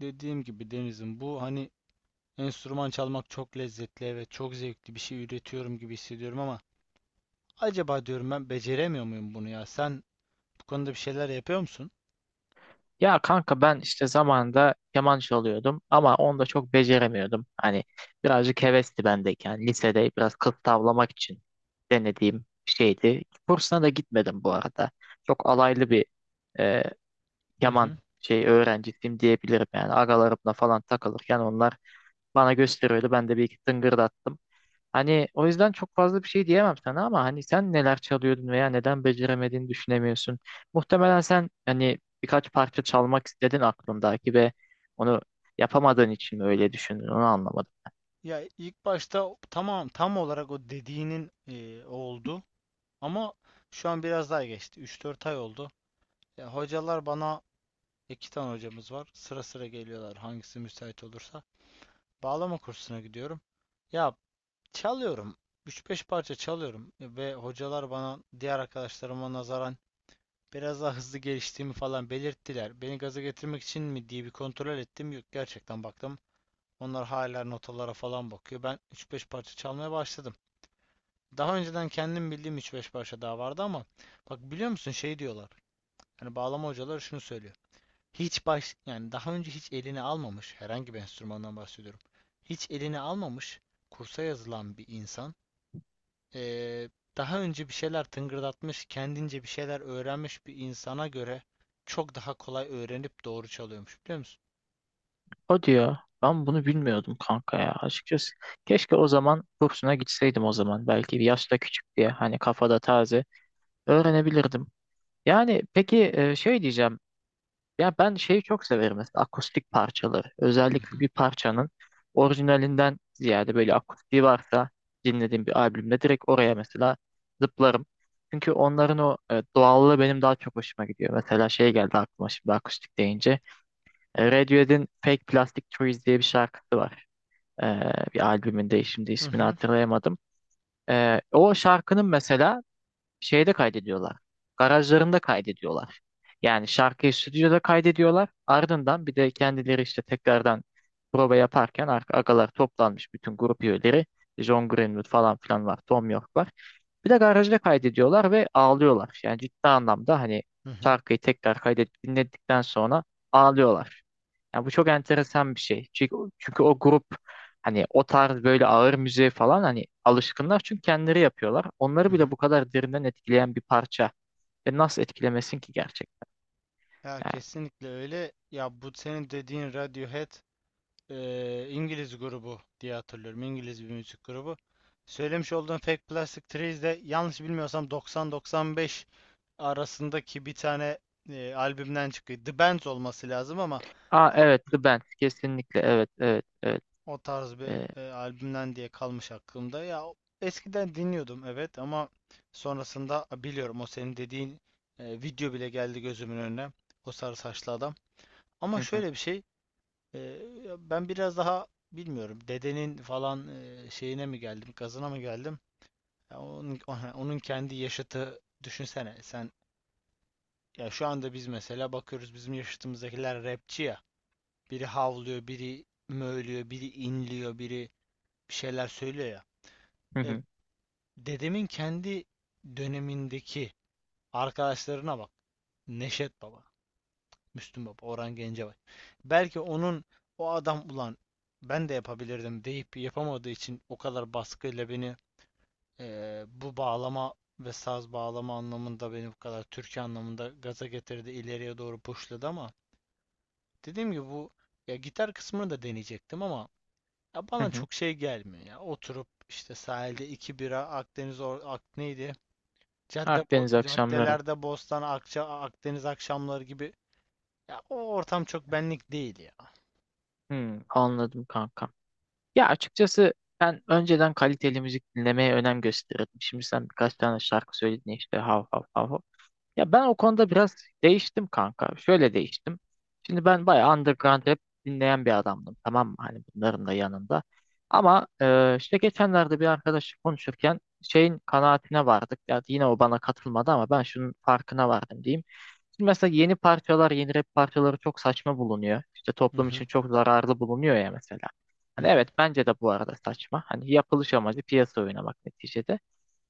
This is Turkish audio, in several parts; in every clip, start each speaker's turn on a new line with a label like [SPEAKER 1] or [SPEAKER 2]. [SPEAKER 1] Dediğim gibi Deniz'im bu hani enstrüman çalmak çok lezzetli, evet, çok zevkli, bir şey üretiyorum gibi hissediyorum ama acaba diyorum ben beceremiyor muyum bunu ya? Sen bu konuda bir şeyler yapıyor musun?
[SPEAKER 2] Ya kanka ben işte zamanında keman çalıyordum ama onu da çok beceremiyordum. Hani birazcık hevesti bendeyken yani lisede biraz kılık tavlamak için denediğim bir şeydi. Kursuna da gitmedim bu arada. Çok alaylı bir e,
[SPEAKER 1] Hı
[SPEAKER 2] keman
[SPEAKER 1] hı.
[SPEAKER 2] şey öğrencisiyim diyebilirim yani. Agalarımla falan takılırken onlar bana gösteriyordu. Ben de bir iki tıngırdattım. Hani o yüzden çok fazla bir şey diyemem sana ama hani sen neler çalıyordun veya neden beceremediğini düşünemiyorsun. Muhtemelen sen hani birkaç parça çalmak istedin aklındaki ve onu yapamadığın için mi öyle düşündün onu anlamadım.
[SPEAKER 1] Ya ilk başta tamam, tam olarak o dediğinin oldu ama şu an biraz daha geçti. 3-4 ay oldu. Ya hocalar bana, iki tane hocamız var. Sıra sıra geliyorlar, hangisi müsait olursa. Bağlama kursuna gidiyorum. Ya çalıyorum. Üç beş parça çalıyorum ve hocalar bana diğer arkadaşlarıma nazaran biraz daha hızlı geliştiğimi falan belirttiler. Beni gaza getirmek için mi diye bir kontrol ettim. Yok, gerçekten baktım. Onlar hala notalara falan bakıyor. Ben üç beş parça çalmaya başladım. Daha önceden kendim bildiğim üç beş parça daha vardı ama bak, biliyor musun, şey diyorlar. Yani bağlama hocaları şunu söylüyor. Hiç baş, yani daha önce hiç eline almamış herhangi bir enstrümandan bahsediyorum. Hiç eline almamış, kursa yazılan bir insan, eee, daha önce bir şeyler tıngırdatmış, kendince bir şeyler öğrenmiş bir insana göre çok daha kolay öğrenip doğru çalıyormuş, biliyor musun?
[SPEAKER 2] O diyor ben bunu bilmiyordum kanka ya açıkçası. Keşke o zaman kursuna gitseydim o zaman belki bir yaşta küçük diye hani kafada taze öğrenebilirdim. Yani peki şey diyeceğim. Ya ben şeyi çok severim mesela akustik parçaları. Özellikle
[SPEAKER 1] Mhm.
[SPEAKER 2] bir parçanın orijinalinden ziyade böyle akustiği varsa dinlediğim bir albümde direkt oraya mesela zıplarım. Çünkü onların o doğallığı benim daha çok hoşuma gidiyor. Mesela şey geldi aklıma şimdi akustik deyince. Radiohead'in Fake Plastic Trees diye bir şarkısı var. E, bir albümünde şimdi
[SPEAKER 1] Hı
[SPEAKER 2] ismini
[SPEAKER 1] hı.
[SPEAKER 2] hatırlayamadım. O şarkının mesela şeyde kaydediyorlar. Garajlarında kaydediyorlar. Yani şarkıyı stüdyoda kaydediyorlar. Ardından bir de kendileri işte tekrardan prova yaparken agalar toplanmış bütün grup üyeleri. John Greenwood falan filan var. Tom York var. Bir de garajda kaydediyorlar ve ağlıyorlar. Yani ciddi anlamda hani
[SPEAKER 1] Hı hı,
[SPEAKER 2] şarkıyı tekrar kaydet dinledikten sonra ağlıyorlar. Yani bu çok enteresan bir şey. Çünkü o grup hani o tarz böyle ağır müziğe falan hani alışkınlar çünkü kendileri yapıyorlar.
[SPEAKER 1] hı
[SPEAKER 2] Onları bile
[SPEAKER 1] hı.
[SPEAKER 2] bu kadar derinden etkileyen bir parça. Ve nasıl etkilemesin ki gerçekten
[SPEAKER 1] Ya
[SPEAKER 2] yani.
[SPEAKER 1] kesinlikle öyle. Ya bu senin dediğin Radiohead İngiliz grubu diye hatırlıyorum. İngiliz bir müzik grubu. Söylemiş olduğun Fake Plastic Trees de, yanlış bilmiyorsam, 90-95 arasındaki bir tane albümden çıkıyor. The Bends olması lazım ama
[SPEAKER 2] Aa evet, The Band, kesinlikle, evet, evet, evet.
[SPEAKER 1] o tarz
[SPEAKER 2] Ee,
[SPEAKER 1] bir albümden diye kalmış aklımda. Ya eskiden dinliyordum evet, ama sonrasında biliyorum o senin dediğin video bile geldi gözümün önüne. O sarı saçlı adam. Ama
[SPEAKER 2] hı hı,
[SPEAKER 1] şöyle bir şey, e, ya ben biraz daha bilmiyorum, dedenin falan şeyine mi geldim, gazına mı geldim? Ya onun, onun kendi yaşıtı, düşünsene sen, ya şu anda biz mesela bakıyoruz, bizim yaşıtımızdakiler rapçi ya. Biri havlıyor, biri mövlüyor, biri inliyor, biri bir şeyler söylüyor ya.
[SPEAKER 2] hı
[SPEAKER 1] E,
[SPEAKER 2] hı,
[SPEAKER 1] Dedemin kendi dönemindeki arkadaşlarına bak. Neşet Baba, Müslüm Baba, Orhan Gencebay. Belki onun, o adam ulan ben de yapabilirdim deyip yapamadığı için, o kadar baskıyla beni bu bağlama ve saz bağlama anlamında, beni bu kadar türkü anlamında gaza getirdi, ileriye doğru pushladı, ama dediğim gibi bu, ya gitar kısmını da deneyecektim ama ya
[SPEAKER 2] hı
[SPEAKER 1] bana
[SPEAKER 2] hı.
[SPEAKER 1] çok şey gelmiyor ya. Oturup işte sahilde iki bira, Akdeniz or ak neydi?
[SPEAKER 2] Akdeniz akşamları.
[SPEAKER 1] Caddelerde Bostan, Akça, Akdeniz akşamları gibi, ya o ortam çok benlik değil ya.
[SPEAKER 2] Hmm, anladım kanka. Ya açıkçası ben önceden kaliteli müzik dinlemeye önem gösterirdim. Şimdi sen birkaç tane şarkı söyledin ya işte hav hav hav, hav. Ya ben o konuda biraz değiştim kanka. Şöyle değiştim. Şimdi ben bayağı underground rap dinleyen bir adamdım. Tamam mı? Hani bunların da yanında. Ama işte geçenlerde bir arkadaşla konuşurken şeyin kanaatine vardık. Ya yine o bana katılmadı ama ben şunun farkına vardım diyeyim. Şimdi mesela yeni parçalar, yeni rap parçaları çok saçma bulunuyor. İşte
[SPEAKER 1] Hı
[SPEAKER 2] toplum
[SPEAKER 1] hı,
[SPEAKER 2] için çok zararlı bulunuyor ya mesela.
[SPEAKER 1] hı
[SPEAKER 2] Hani
[SPEAKER 1] hı.
[SPEAKER 2] evet bence de bu arada saçma. Hani yapılış amacı piyasa oynamak neticede.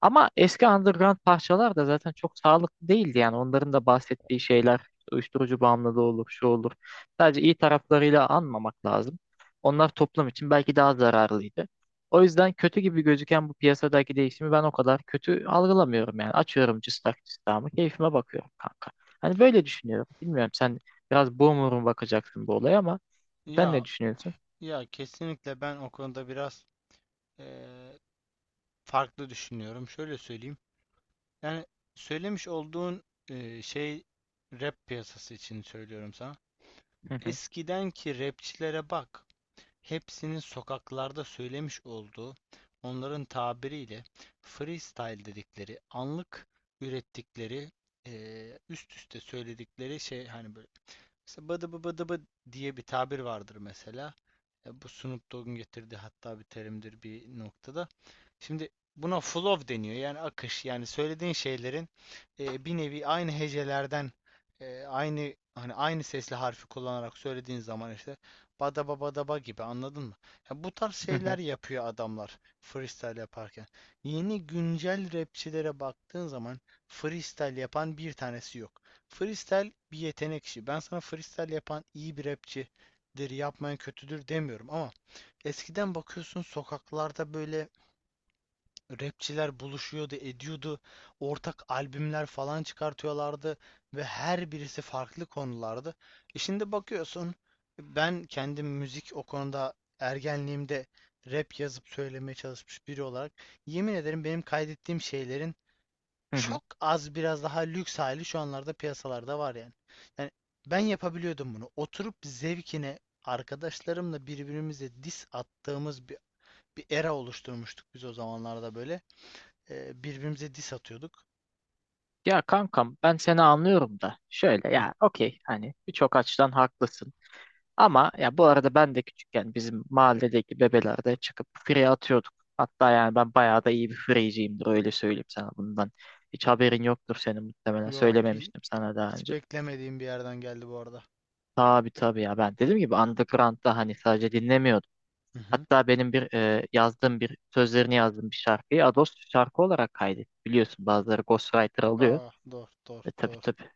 [SPEAKER 2] Ama eski underground parçalar da zaten çok sağlıklı değildi yani. Onların da bahsettiği şeyler işte uyuşturucu bağımlılığı olur, şu olur. Sadece iyi taraflarıyla anmamak lazım. Onlar toplum için belki daha zararlıydı. O yüzden kötü gibi gözüken bu piyasadaki değişimi ben o kadar kötü algılamıyorum yani. Açıyorum cıstak cıstağımı, keyfime bakıyorum kanka. Hani böyle düşünüyorum. Bilmiyorum sen biraz boomer'un bakacaksın bu olaya ama sen
[SPEAKER 1] Ya
[SPEAKER 2] ne düşünüyorsun?
[SPEAKER 1] ya kesinlikle ben o konuda biraz eee, farklı düşünüyorum. Şöyle söyleyeyim. Yani söylemiş olduğun şey, rap piyasası için söylüyorum sana.
[SPEAKER 2] Hı hı,
[SPEAKER 1] Eskidenki rapçilere bak. Hepsinin sokaklarda söylemiş olduğu, onların tabiriyle freestyle dedikleri, anlık ürettikleri, üst üste söyledikleri şey, hani böyle mesela bıdı bı bıdı bı diye bir tabir vardır mesela. E, bu Snoop Dogg'un getirdiği hatta bir terimdir bir noktada. Şimdi buna flow deniyor. Yani akış. Yani söylediğin şeylerin bir nevi aynı hecelerden, aynı hani aynı sesli harfi kullanarak söylediğin zaman, işte badaba badaba gibi, anladın mı? Ya bu tarz
[SPEAKER 2] hı hı,
[SPEAKER 1] şeyler yapıyor adamlar freestyle yaparken. Yeni güncel rapçilere baktığın zaman freestyle yapan bir tanesi yok. Freestyle bir yetenek işi. Ben sana freestyle yapan iyi bir rapçidir, yapmayan kötüdür demiyorum, ama eskiden bakıyorsun sokaklarda böyle rapçiler buluşuyordu, ediyordu. Ortak albümler falan çıkartıyorlardı ve her birisi farklı konulardı. E şimdi bakıyorsun, ben kendim müzik o konuda, ergenliğimde rap yazıp söylemeye çalışmış biri olarak yemin ederim, benim kaydettiğim şeylerin
[SPEAKER 2] hı hı.
[SPEAKER 1] çok az biraz daha lüks hali şu anlarda piyasalarda var yani. Yani ben yapabiliyordum bunu. Oturup zevkine arkadaşlarımla birbirimize diss attığımız bir era oluşturmuştuk biz o zamanlarda, böyle birbirimize diss atıyorduk.
[SPEAKER 2] Ya kankam ben seni anlıyorum da şöyle
[SPEAKER 1] Hah.
[SPEAKER 2] ya okey hani birçok açıdan haklısın ama ya bu arada ben de küçükken bizim mahalledeki bebelerde çıkıp free atıyorduk. Hatta yani ben bayağı da iyi bir freeciyimdir öyle söyleyeyim sana bundan. Hiç haberin yoktur senin muhtemelen,
[SPEAKER 1] Yok hi-
[SPEAKER 2] söylememiştim sana daha
[SPEAKER 1] Hiç
[SPEAKER 2] önce.
[SPEAKER 1] beklemediğim bir yerden geldi bu arada.
[SPEAKER 2] Tabii, tabii, ya ben dediğim gibi underground'da hani sadece dinlemiyordum.
[SPEAKER 1] Hı hı.
[SPEAKER 2] Hatta benim bir yazdığım bir sözlerini yazdığım bir şarkıyı Ados şarkı olarak kaydet. Biliyorsun bazıları ghostwriter alıyor.
[SPEAKER 1] Aa, doğru, doğru,
[SPEAKER 2] Tabii,
[SPEAKER 1] doğru.
[SPEAKER 2] tabii,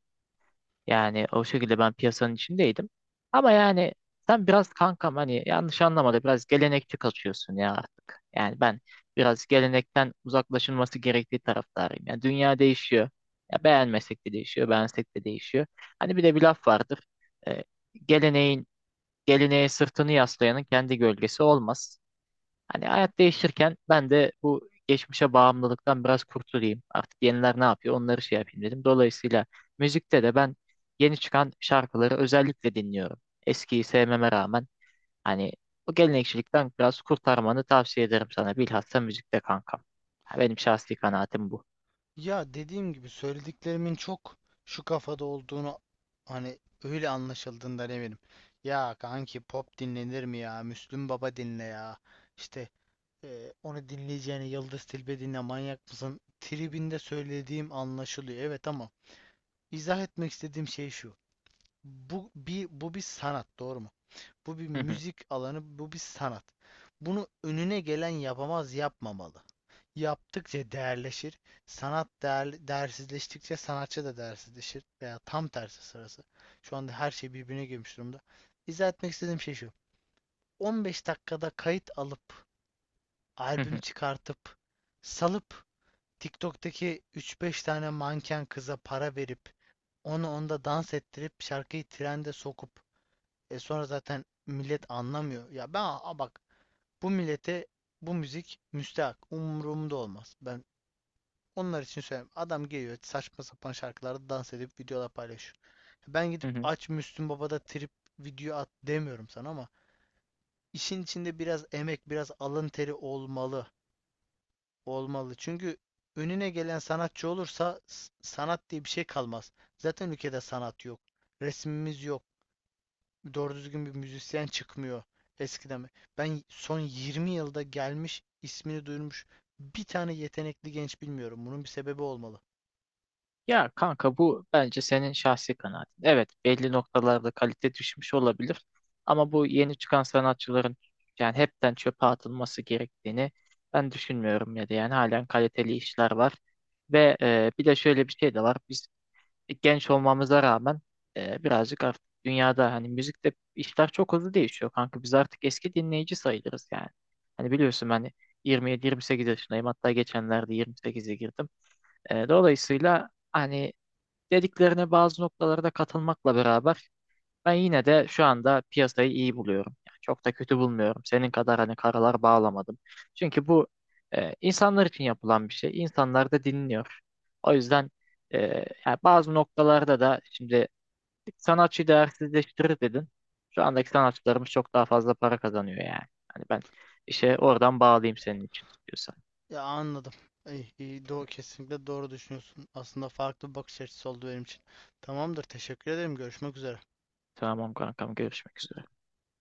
[SPEAKER 2] yani o şekilde ben piyasanın içindeydim. Ama yani sen biraz kankam hani yanlış anlamadı biraz gelenekçi kaçıyorsun ya artık. Yani ben biraz gelenekten uzaklaşılması gerektiği taraftarıyım. Yani dünya değişiyor. Ya beğenmesek de değişiyor, beğensek de değişiyor. Hani bir de bir laf vardır. Ee, geleneğin geleneğe sırtını yaslayanın kendi gölgesi olmaz. Hani hayat değişirken ben de bu geçmişe bağımlılıktan biraz kurtulayım. Artık yeniler ne yapıyor onları şey yapayım dedim. Dolayısıyla müzikte de ben yeni çıkan şarkıları özellikle dinliyorum. Eskiyi sevmeme rağmen hani o gelenekçilikten biraz kurtarmanı tavsiye ederim sana. Bilhassa müzikte kankam. Ha, benim şahsi kanaatim bu.
[SPEAKER 1] Ya dediğim gibi, söylediklerimin çok şu kafada olduğunu hani öyle anlaşıldığından eminim. Ya kanki pop dinlenir mi ya? Müslüm Baba dinle ya. İşte onu dinleyeceğine Yıldız Tilbe dinle, manyak mısın? Tribinde söylediğim anlaşılıyor. Evet, ama izah etmek istediğim şey şu. Bu bir sanat, doğru mu? Bu bir
[SPEAKER 2] Hı hı,
[SPEAKER 1] müzik alanı, bu bir sanat. Bunu önüne gelen yapamaz, yapmamalı. Yaptıkça değerleşir. Sanat değer, değersizleştikçe sanatçı da değersizleşir. Veya tam tersi sırası. Şu anda her şey birbirine girmiş durumda. İzah etmek istediğim şey şu. 15 dakikada kayıt alıp,
[SPEAKER 2] hı
[SPEAKER 1] albüm
[SPEAKER 2] hı,
[SPEAKER 1] çıkartıp, salıp TikTok'taki 3-5 tane manken kıza para verip, onu onda dans ettirip, şarkıyı trende sokup, e sonra zaten millet anlamıyor. Bak, bu millete bu müzik müstehak. Umurumda olmaz. Ben onlar için söyleyeyim. Adam geliyor, saçma sapan şarkılarda dans edip videolar paylaşıyor. Ben
[SPEAKER 2] hı
[SPEAKER 1] gidip
[SPEAKER 2] hı.
[SPEAKER 1] aç Müslüm Baba'da trip video at demiyorum sana, ama işin içinde biraz emek, biraz alın teri olmalı. Olmalı. Çünkü önüne gelen sanatçı olursa sanat diye bir şey kalmaz. Zaten ülkede sanat yok. Resmimiz yok. Doğru düzgün bir müzisyen çıkmıyor eskiden. Ben son 20 yılda gelmiş, ismini duyurmuş bir tane yetenekli genç bilmiyorum. Bunun bir sebebi olmalı.
[SPEAKER 2] Ya kanka bu bence senin şahsi kanaatin. Evet, belli noktalarda kalite düşmüş olabilir. Ama bu yeni çıkan sanatçıların yani hepten çöpe atılması gerektiğini ben düşünmüyorum ya da yani halen kaliteli işler var. Ve bir de şöyle bir şey de var. Biz genç olmamıza rağmen birazcık artık dünyada hani müzikte işler çok hızlı değişiyor kanka. Biz artık eski dinleyici sayılırız yani. Hani biliyorsun ben 27-28 yaşındayım. Hatta geçenlerde 28'e girdim. Dolayısıyla hani dediklerine bazı noktalarda katılmakla beraber ben yine de şu anda piyasayı iyi buluyorum. Yani çok da kötü bulmuyorum. Senin kadar hani karalar bağlamadım. Çünkü bu insanlar için yapılan bir şey. İnsanlar da dinliyor. O yüzden e, yani bazı noktalarda da şimdi sanatçı değersizleştirir dedin. Şu andaki sanatçılarımız çok daha fazla para kazanıyor yani. Hani ben işe oradan bağlayayım senin için istiyorsan.
[SPEAKER 1] Ya anladım. İyi, iyi, doğru, kesinlikle doğru düşünüyorsun. Aslında farklı bir bakış açısı oldu benim için. Tamamdır, teşekkür ederim. Görüşmek üzere.
[SPEAKER 2] Tamam kankam, görüşmek üzere.